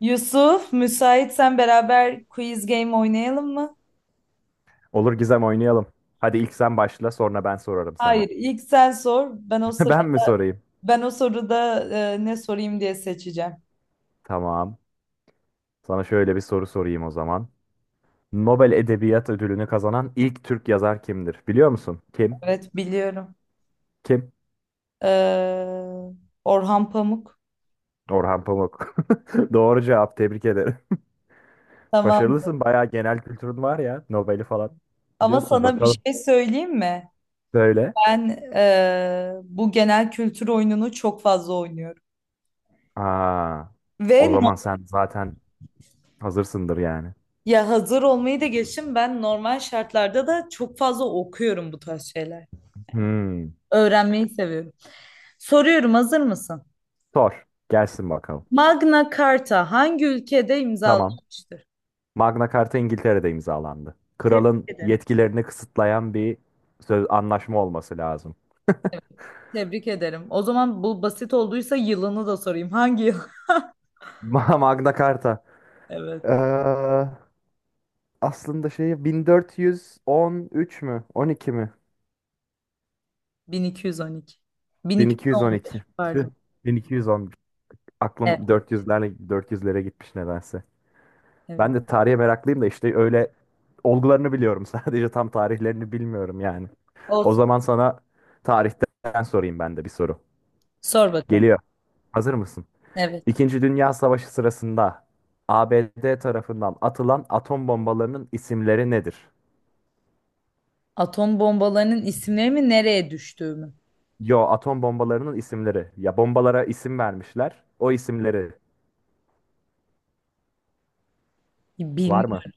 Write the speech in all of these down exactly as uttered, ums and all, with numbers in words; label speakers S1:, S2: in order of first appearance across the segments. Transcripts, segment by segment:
S1: Yusuf, müsaitsen beraber quiz game oynayalım mı?
S2: Olur Gizem oynayalım. Hadi ilk sen başla sonra ben sorarım sana.
S1: Hayır, ilk sen sor. Ben o sıra
S2: Ben mi sorayım?
S1: ben o soruda e, ne sorayım diye seçeceğim.
S2: Tamam. Sana şöyle bir soru sorayım o zaman. Nobel Edebiyat Ödülünü kazanan ilk Türk yazar kimdir? Biliyor musun? Kim?
S1: Evet, biliyorum.
S2: Kim?
S1: Ee, Orhan Pamuk.
S2: Orhan Pamuk. Doğru cevap. Tebrik ederim.
S1: Tamam.
S2: Başarılısın. Bayağı genel kültürün var ya. Nobel'i falan.
S1: Ama
S2: Biliyorsun.
S1: sana bir
S2: Bakalım.
S1: şey söyleyeyim mi?
S2: Söyle.
S1: Ben e, Bu genel kültür oyununu çok fazla oynuyorum.
S2: Aa, o
S1: Ve no-
S2: zaman sen zaten hazırsındır yani.
S1: Ya hazır olmayı da geçtim. Ben normal şartlarda da çok fazla okuyorum bu tarz şeyler.
S2: Hmm.
S1: Öğrenmeyi seviyorum. Soruyorum, hazır mısın?
S2: Sor. Gelsin bakalım.
S1: Magna Carta hangi ülkede
S2: Tamam.
S1: imzalanmıştır?
S2: Magna Carta İngiltere'de imzalandı.
S1: Tebrik
S2: Kralın
S1: ederim.
S2: yetkilerini kısıtlayan bir söz anlaşma olması lazım.
S1: Tebrik ederim. O zaman bu basit olduysa yılını da sorayım. Hangi yıl?
S2: Ma- Magna Carta.
S1: Evet.
S2: Ee, aslında şey bin dört yüz on üç mü? on iki mi?
S1: bin iki yüz on iki. bin iki yüz on beş
S2: bin iki yüz on iki. Tüh,
S1: pardon.
S2: bin iki yüz on bir.
S1: Evet,
S2: Aklım dört yüzlerle dört yüzlere gitmiş nedense. Ben
S1: evet.
S2: de tarihe meraklıyım da işte öyle olgularını biliyorum sadece tam tarihlerini bilmiyorum yani. O
S1: Olsun.
S2: zaman sana tarihten sorayım ben de bir soru.
S1: Sor bakalım.
S2: Geliyor. Hazır mısın?
S1: Evet.
S2: İkinci Dünya Savaşı sırasında A B D tarafından atılan atom bombalarının isimleri nedir?
S1: Atom bombalarının isimleri mi nereye düştüğü mü?
S2: Yo, atom bombalarının isimleri. Ya bombalara isim vermişler. O isimleri var mı?
S1: Bilmiyorum.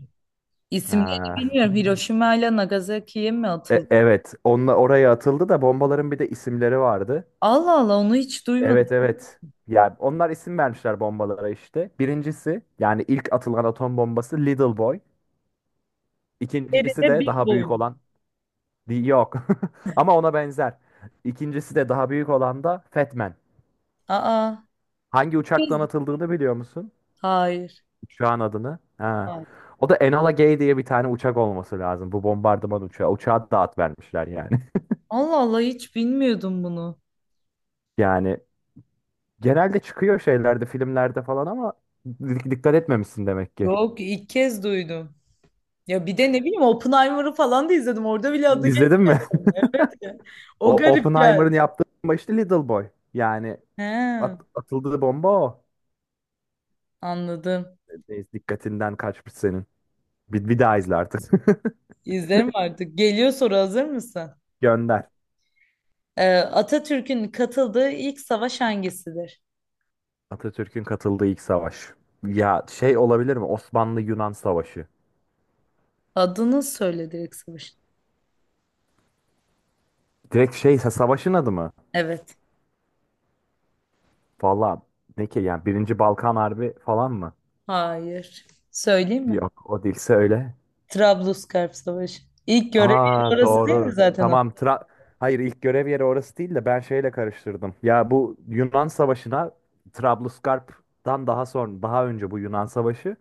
S1: İsimlerini
S2: Ha.
S1: bilmiyorum. Hiroşima ile Nagasaki'ye mi
S2: E-
S1: atıldı?
S2: evet, onunla oraya atıldı da bombaların bir de isimleri vardı.
S1: Allah Allah onu hiç duymadım.
S2: Evet, evet. Yani onlar isim vermişler bombalara işte. Birincisi yani ilk atılan atom bombası Little Boy.
S1: Nerede
S2: İkincisi de
S1: Big
S2: daha
S1: Boy
S2: büyük
S1: mu?
S2: olan Di- Yok. Ama ona benzer. İkincisi de daha büyük olan da Fat Man.
S1: Aa.
S2: Hangi uçaktan
S1: Biz-
S2: atıldığını biliyor musun?
S1: Hayır.
S2: Uçağın adını. Ha.
S1: Hayır.
S2: O da Enola Gay diye bir tane uçak olması lazım. Bu bombardıman uçağı. Uçağa da at vermişler yani.
S1: Allah Allah hiç bilmiyordum bunu.
S2: Yani genelde çıkıyor şeylerde, filmlerde falan ama di- dikkat etmemişsin demek ki.
S1: Yok, ilk kez duydum. Ya bir de ne bileyim Oppenheimer'ı falan da izledim. Orada bile adı
S2: İzledin mi?
S1: geçmedi. Evet ya. O
S2: O
S1: garip geldi.
S2: Oppenheimer'ın yaptığı bomba işte Little Boy. Yani
S1: He,
S2: at- atıldığı bomba o.
S1: anladım.
S2: Neyse, dikkatinden kaçmış senin. Bir, bir daha izle artık.
S1: İzlerim artık. Geliyor soru, hazır mısın?
S2: Gönder.
S1: Ee, Atatürk'ün katıldığı ilk savaş hangisidir?
S2: Atatürk'ün katıldığı ilk savaş. Ya şey olabilir mi? Osmanlı-Yunan Savaşı.
S1: Adını söyle direkt savaşın.
S2: Direkt şey sa- savaşın adı mı?
S1: Evet.
S2: Valla ne ki yani Birinci Balkan Harbi falan mı?
S1: Hayır. Söyleyeyim mi?
S2: Yok o değilse öyle.
S1: Trablusgarp Savaşı. İlk görevi
S2: Aa
S1: orası değil mi
S2: doğru.
S1: zaten? O?
S2: Tamam. Tra Hayır, ilk görev yeri orası değil de ben şeyle karıştırdım. Ya bu Yunan Savaşı'na Trablusgarp'tan daha sonra daha önce bu Yunan Savaşı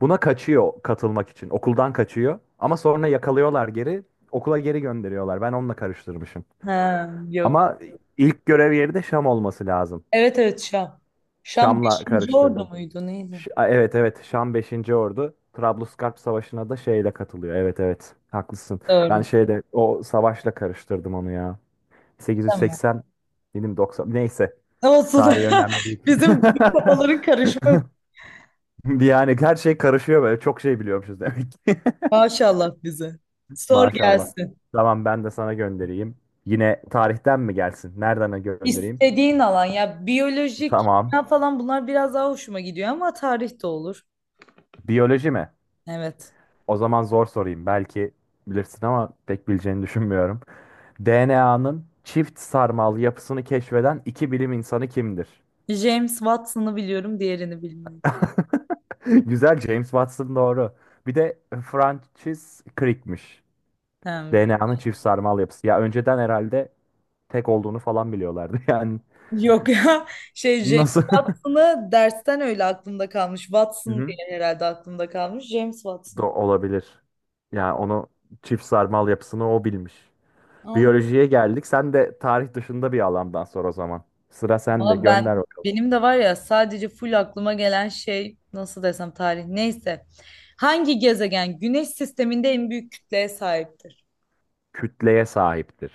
S2: buna kaçıyor katılmak için. Okuldan kaçıyor ama sonra yakalıyorlar geri okula geri gönderiyorlar. Ben onunla karıştırmışım.
S1: Ha, yok.
S2: Ama ilk görev yeri de Şam olması lazım.
S1: Evet evet, Şam. Şam
S2: Şam'la
S1: beşinci Ordu
S2: karıştırdım.
S1: muydu neydi?
S2: Ş- a, evet, evet, Şam beşinci Ordu. Trablusgarp Savaşı'na da şeyle katılıyor. Evet, evet, haklısın. Ben
S1: Doğru.
S2: şeyde o savaşla karıştırdım onu ya.
S1: Tamam.
S2: sekiz yüz seksen benim doksan, neyse
S1: Olsun.
S2: tarihi önemli değil.
S1: Bizim, bizim kafaların karışma,
S2: Yani her şey karışıyor böyle çok şey biliyormuşuz demek ki.
S1: maşallah bize. Sor
S2: Maşallah.
S1: gelsin.
S2: Tamam ben de sana göndereyim. Yine tarihten mi gelsin? Nereden göndereyim?
S1: İstediğin alan, ya biyolojik
S2: Tamam.
S1: ya falan bunlar biraz daha hoşuma gidiyor ama tarih de olur.
S2: Biyoloji mi?
S1: Evet.
S2: O zaman zor sorayım. Belki bilirsin ama pek bileceğini düşünmüyorum. D N A'nın çift sarmal yapısını keşfeden iki bilim insanı kimdir?
S1: James Watson'ı biliyorum, diğerini bilmiyorum.
S2: Güzel, James Watson doğru. Bir de Francis Crick'miş.
S1: Ha,
S2: D N A'nın çift sarmal yapısı. Ya önceden herhalde tek olduğunu falan biliyorlardı. Yani
S1: yok. Ya. Şey, James
S2: nasıl?
S1: Watson'ı dersten öyle aklımda kalmış.
S2: Hı
S1: Watson diye
S2: hı.
S1: herhalde aklımda kalmış. James
S2: Do
S1: Watson.
S2: olabilir. Yani onu çift sarmal yapısını o bilmiş. Biyolojiye geldik. Sen de tarih dışında bir alandan sor o zaman. Sıra sende.
S1: Ama
S2: Gönder
S1: ben, benim de var ya, sadece full aklıma gelen şey, nasıl desem, tarih, neyse. Hangi gezegen Güneş sisteminde en büyük kütleye sahiptir?
S2: kütleye sahiptir.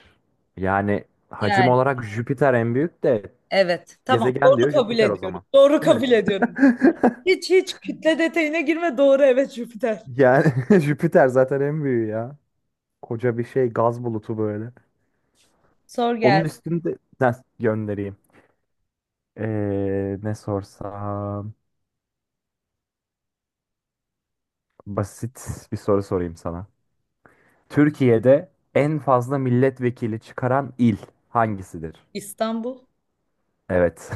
S2: Yani hacim
S1: Yani
S2: olarak Jüpiter en büyük de
S1: evet, tamam,
S2: gezegen
S1: doğru
S2: diyor
S1: kabul
S2: Jüpiter o
S1: ediyorum.
S2: zaman.
S1: Doğru
S2: Değil mi?
S1: kabul ediyorum. Hiç hiç kütle detayına girme, doğru, evet, Jüpiter.
S2: Yani Jüpiter zaten en büyüğü ya. Koca bir şey gaz bulutu böyle.
S1: Sor
S2: Onun
S1: gelsin.
S2: üstünde. Ha, göndereyim. Ee, ne sorsam? Basit bir soru sorayım sana. Türkiye'de en fazla milletvekili çıkaran il hangisidir?
S1: İstanbul.
S2: Evet.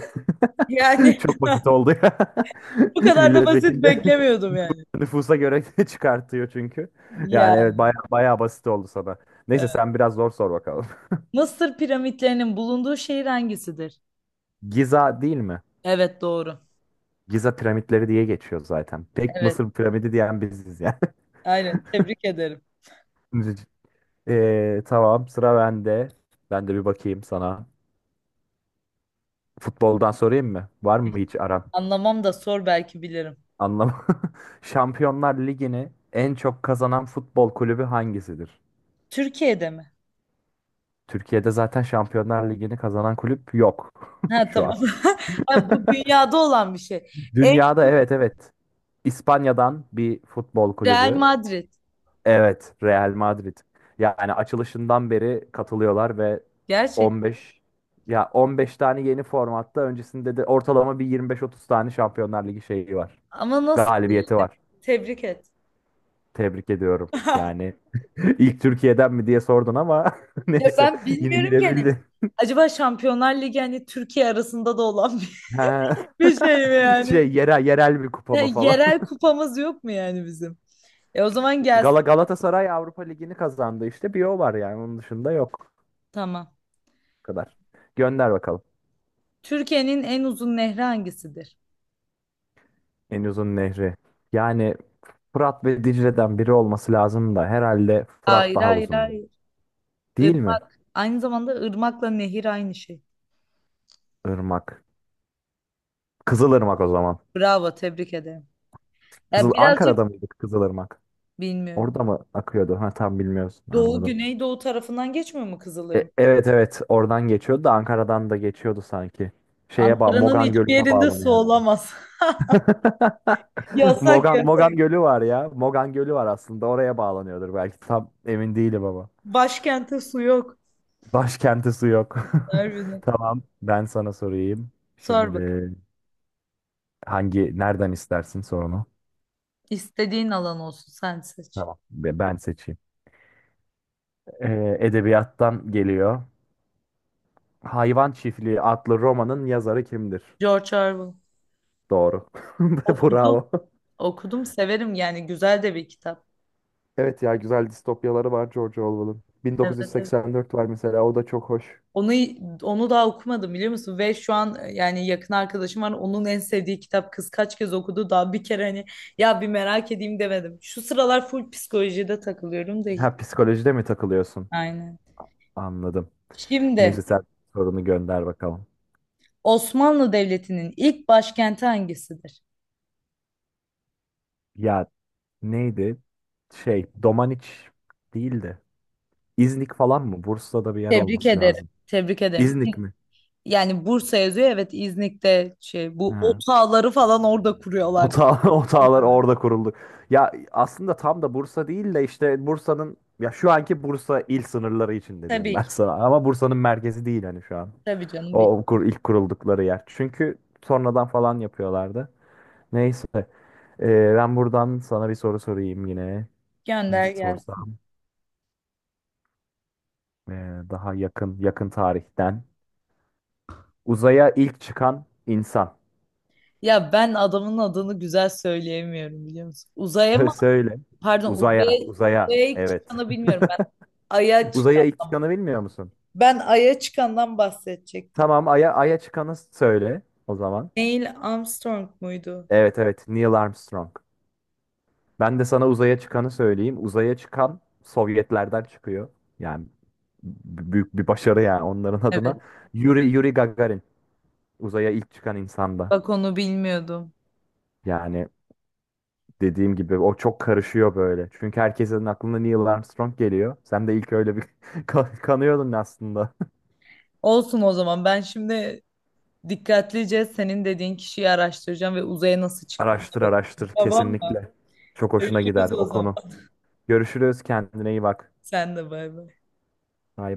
S1: Yani
S2: Çok basit oldu ya.
S1: bu kadar da basit
S2: Milletvekili de
S1: beklemiyordum yani.
S2: nüfusa göre çıkartıyor çünkü. Yani evet
S1: Yani
S2: baya baya basit oldu sana. Neyse
S1: evet.
S2: sen biraz zor sor bakalım.
S1: Mısır piramitlerinin bulunduğu şehir hangisidir?
S2: Giza değil mi?
S1: Evet, doğru.
S2: Giza piramitleri diye geçiyor zaten. Tek
S1: Evet
S2: Mısır piramidi diyen biziz yani.
S1: aynen, tebrik ederim.
S2: Ee, tamam sıra bende. Ben de bir bakayım sana. Futboldan sorayım mı? Var mı hiç aran?
S1: Anlamam da sor, belki bilirim.
S2: Anlam. Şampiyonlar Ligi'ni en çok kazanan futbol kulübü hangisidir?
S1: Türkiye'de mi?
S2: Türkiye'de zaten Şampiyonlar Ligi'ni kazanan kulüp yok
S1: Ha
S2: şu an.
S1: tamam. Ha, bu dünyada olan bir şey. En
S2: Dünyada, evet, evet. İspanya'dan bir futbol
S1: Real
S2: kulübü.
S1: Madrid.
S2: Evet, Real Madrid. Yani açılışından beri katılıyorlar ve
S1: Gerçek.
S2: on beş ya on beş tane yeni formatta öncesinde de ortalama bir yirmi beş otuz tane Şampiyonlar Ligi şeyi var.
S1: Ama nasıl diyelim?
S2: Galibiyeti var.
S1: Tebrik et.
S2: Tebrik ediyorum. Yani ilk Türkiye'den mi diye sordun ama
S1: Ya
S2: neyse
S1: ben
S2: yine
S1: bilmiyorum ki hani.
S2: girebildin.
S1: Acaba Şampiyonlar Ligi hani Türkiye arasında da olan bir,
S2: Ha.
S1: bir şey mi yani?
S2: Şey yerel yerel bir kupa
S1: Ya,
S2: mı falan.
S1: yerel kupamız yok mu yani bizim? E o zaman gelsin.
S2: Gala Galatasaray Avrupa Ligi'ni kazandı işte bir o var, yani onun dışında yok.
S1: Tamam.
S2: Bu kadar. Gönder bakalım.
S1: Türkiye'nin en uzun nehri hangisidir?
S2: En uzun nehri. Yani Fırat ve Dicle'den biri olması lazım da herhalde Fırat
S1: Hayır
S2: daha
S1: hayır
S2: uzundu.
S1: hayır.
S2: Değil mi?
S1: Irmak. Aynı zamanda ırmakla nehir aynı şey.
S2: Irmak. Kızılırmak o zaman.
S1: Bravo, tebrik ederim. Ya
S2: Kızıl
S1: birazcık
S2: Ankara'da mıydık Kızılırmak?
S1: bilmiyorum.
S2: Orada mı akıyordu? Ha, tam bilmiyoruz.
S1: Doğu,
S2: Anladım.
S1: Güneydoğu tarafından geçmiyor mu Kızılırmak?
S2: E, evet, evet, oradan geçiyordu da Ankara'dan da geçiyordu sanki. Şeye bağ
S1: Ankara'nın
S2: Mogan
S1: hiçbir
S2: Gölü'ne
S1: yerinde su
S2: bağlanıyor hatta.
S1: olamaz. Yasak
S2: Mogan
S1: yasak.
S2: Mogan Gölü var ya. Mogan Gölü var aslında. Oraya bağlanıyordur belki. Tam emin değilim ama.
S1: Başkente su yok.
S2: Başkenti su yok.
S1: Harbiden.
S2: Tamam, ben sana sorayım.
S1: Sor
S2: Şimdi
S1: bakalım.
S2: hangi nereden istersin sorunu?
S1: İstediğin alan olsun, sen seç.
S2: Tamam. Be- Ben seçeyim. Ee, edebiyattan geliyor. Hayvan Çiftliği adlı romanın yazarı kimdir?
S1: George Orwell.
S2: Doğru.
S1: Okudum.
S2: Bravo.
S1: Okudum, severim yani, güzel de bir kitap.
S2: Evet ya, güzel distopyaları var George Orwell'ın.
S1: Evet, evet.
S2: bin dokuz yüz seksen dört var mesela, o da çok hoş.
S1: Onu onu daha okumadım, biliyor musun? Ve şu an e, Yani yakın arkadaşım var. Onun en sevdiği kitap, kız kaç kez okudu, daha bir kere hani ya bir merak edeyim demedim. Şu sıralar full psikolojide takılıyorum da hiç.
S2: Ha, psikolojide mi takılıyorsun?
S1: Aynen.
S2: Anladım. Neyse
S1: Şimdi
S2: sen sorunu gönder bakalım.
S1: Osmanlı Devleti'nin ilk başkenti hangisidir?
S2: Ya neydi? Şey Domaniç değildi. İznik falan mı? Bursa'da bir yer
S1: Tebrik
S2: olması
S1: ederim.
S2: lazım.
S1: Tebrik ederim. İz-
S2: İznik mi?
S1: Yani Bursa yazıyor. Evet, İznik'te şey bu
S2: Ha.
S1: otağları falan orada kuruyorlar.
S2: Otağı, otağlar orada kuruldu. Ya aslında tam da Bursa değil de işte Bursa'nın ya şu anki Bursa il sınırları içinde diyeyim
S1: Tabii
S2: ben
S1: ki.
S2: sana. Ama Bursa'nın merkezi değil hani şu an.
S1: Tabii canım. Bir
S2: O kur, ilk kuruldukları yer. Çünkü sonradan falan yapıyorlardı. Neyse. Ee, ben buradan sana bir soru sorayım yine. Ne
S1: gönder gelsin.
S2: sorsam? Ee, daha yakın yakın tarihten. Uzaya ilk çıkan insan.
S1: Ya ben adamın adını güzel söyleyemiyorum, biliyor musun? Uzaya
S2: Sö-
S1: mı?
S2: Söyle.
S1: Pardon
S2: Uzaya,
S1: uzaya,
S2: uzaya.
S1: uzaya ilk
S2: Evet.
S1: çıkanı bilmiyorum. Ben Ay'a
S2: Uzaya ilk
S1: çıkandan.
S2: çıkanı bilmiyor musun?
S1: Ben Ay'a çıkandan bahsedecektim.
S2: Tamam, Ay'a Ay'a çıkanı söyle o zaman.
S1: Neil Armstrong muydu?
S2: Evet, evet. Neil Armstrong. Ben de sana uzaya çıkanı söyleyeyim. Uzaya çıkan Sovyetlerden çıkıyor. Yani b- büyük bir başarı yani onların
S1: Evet.
S2: adına. Yuri, Yuri Gagarin. Uzaya ilk çıkan insanda.
S1: Bak onu bilmiyordum.
S2: Yani dediğim gibi o çok karışıyor böyle. Çünkü herkesin aklına Neil Armstrong geliyor. Sen de ilk öyle bir kan- kanıyordun aslında.
S1: Olsun o zaman. Ben şimdi dikkatlice senin dediğin kişiyi araştıracağım ve uzaya nasıl çıktığına
S2: Araştır araştır
S1: bakacağım. Tamam mı?
S2: kesinlikle. Çok hoşuna gider
S1: Görüşürüz o
S2: o
S1: zaman.
S2: konu. Görüşürüz, kendine iyi bak.
S1: Sen de bay bay.
S2: Bye.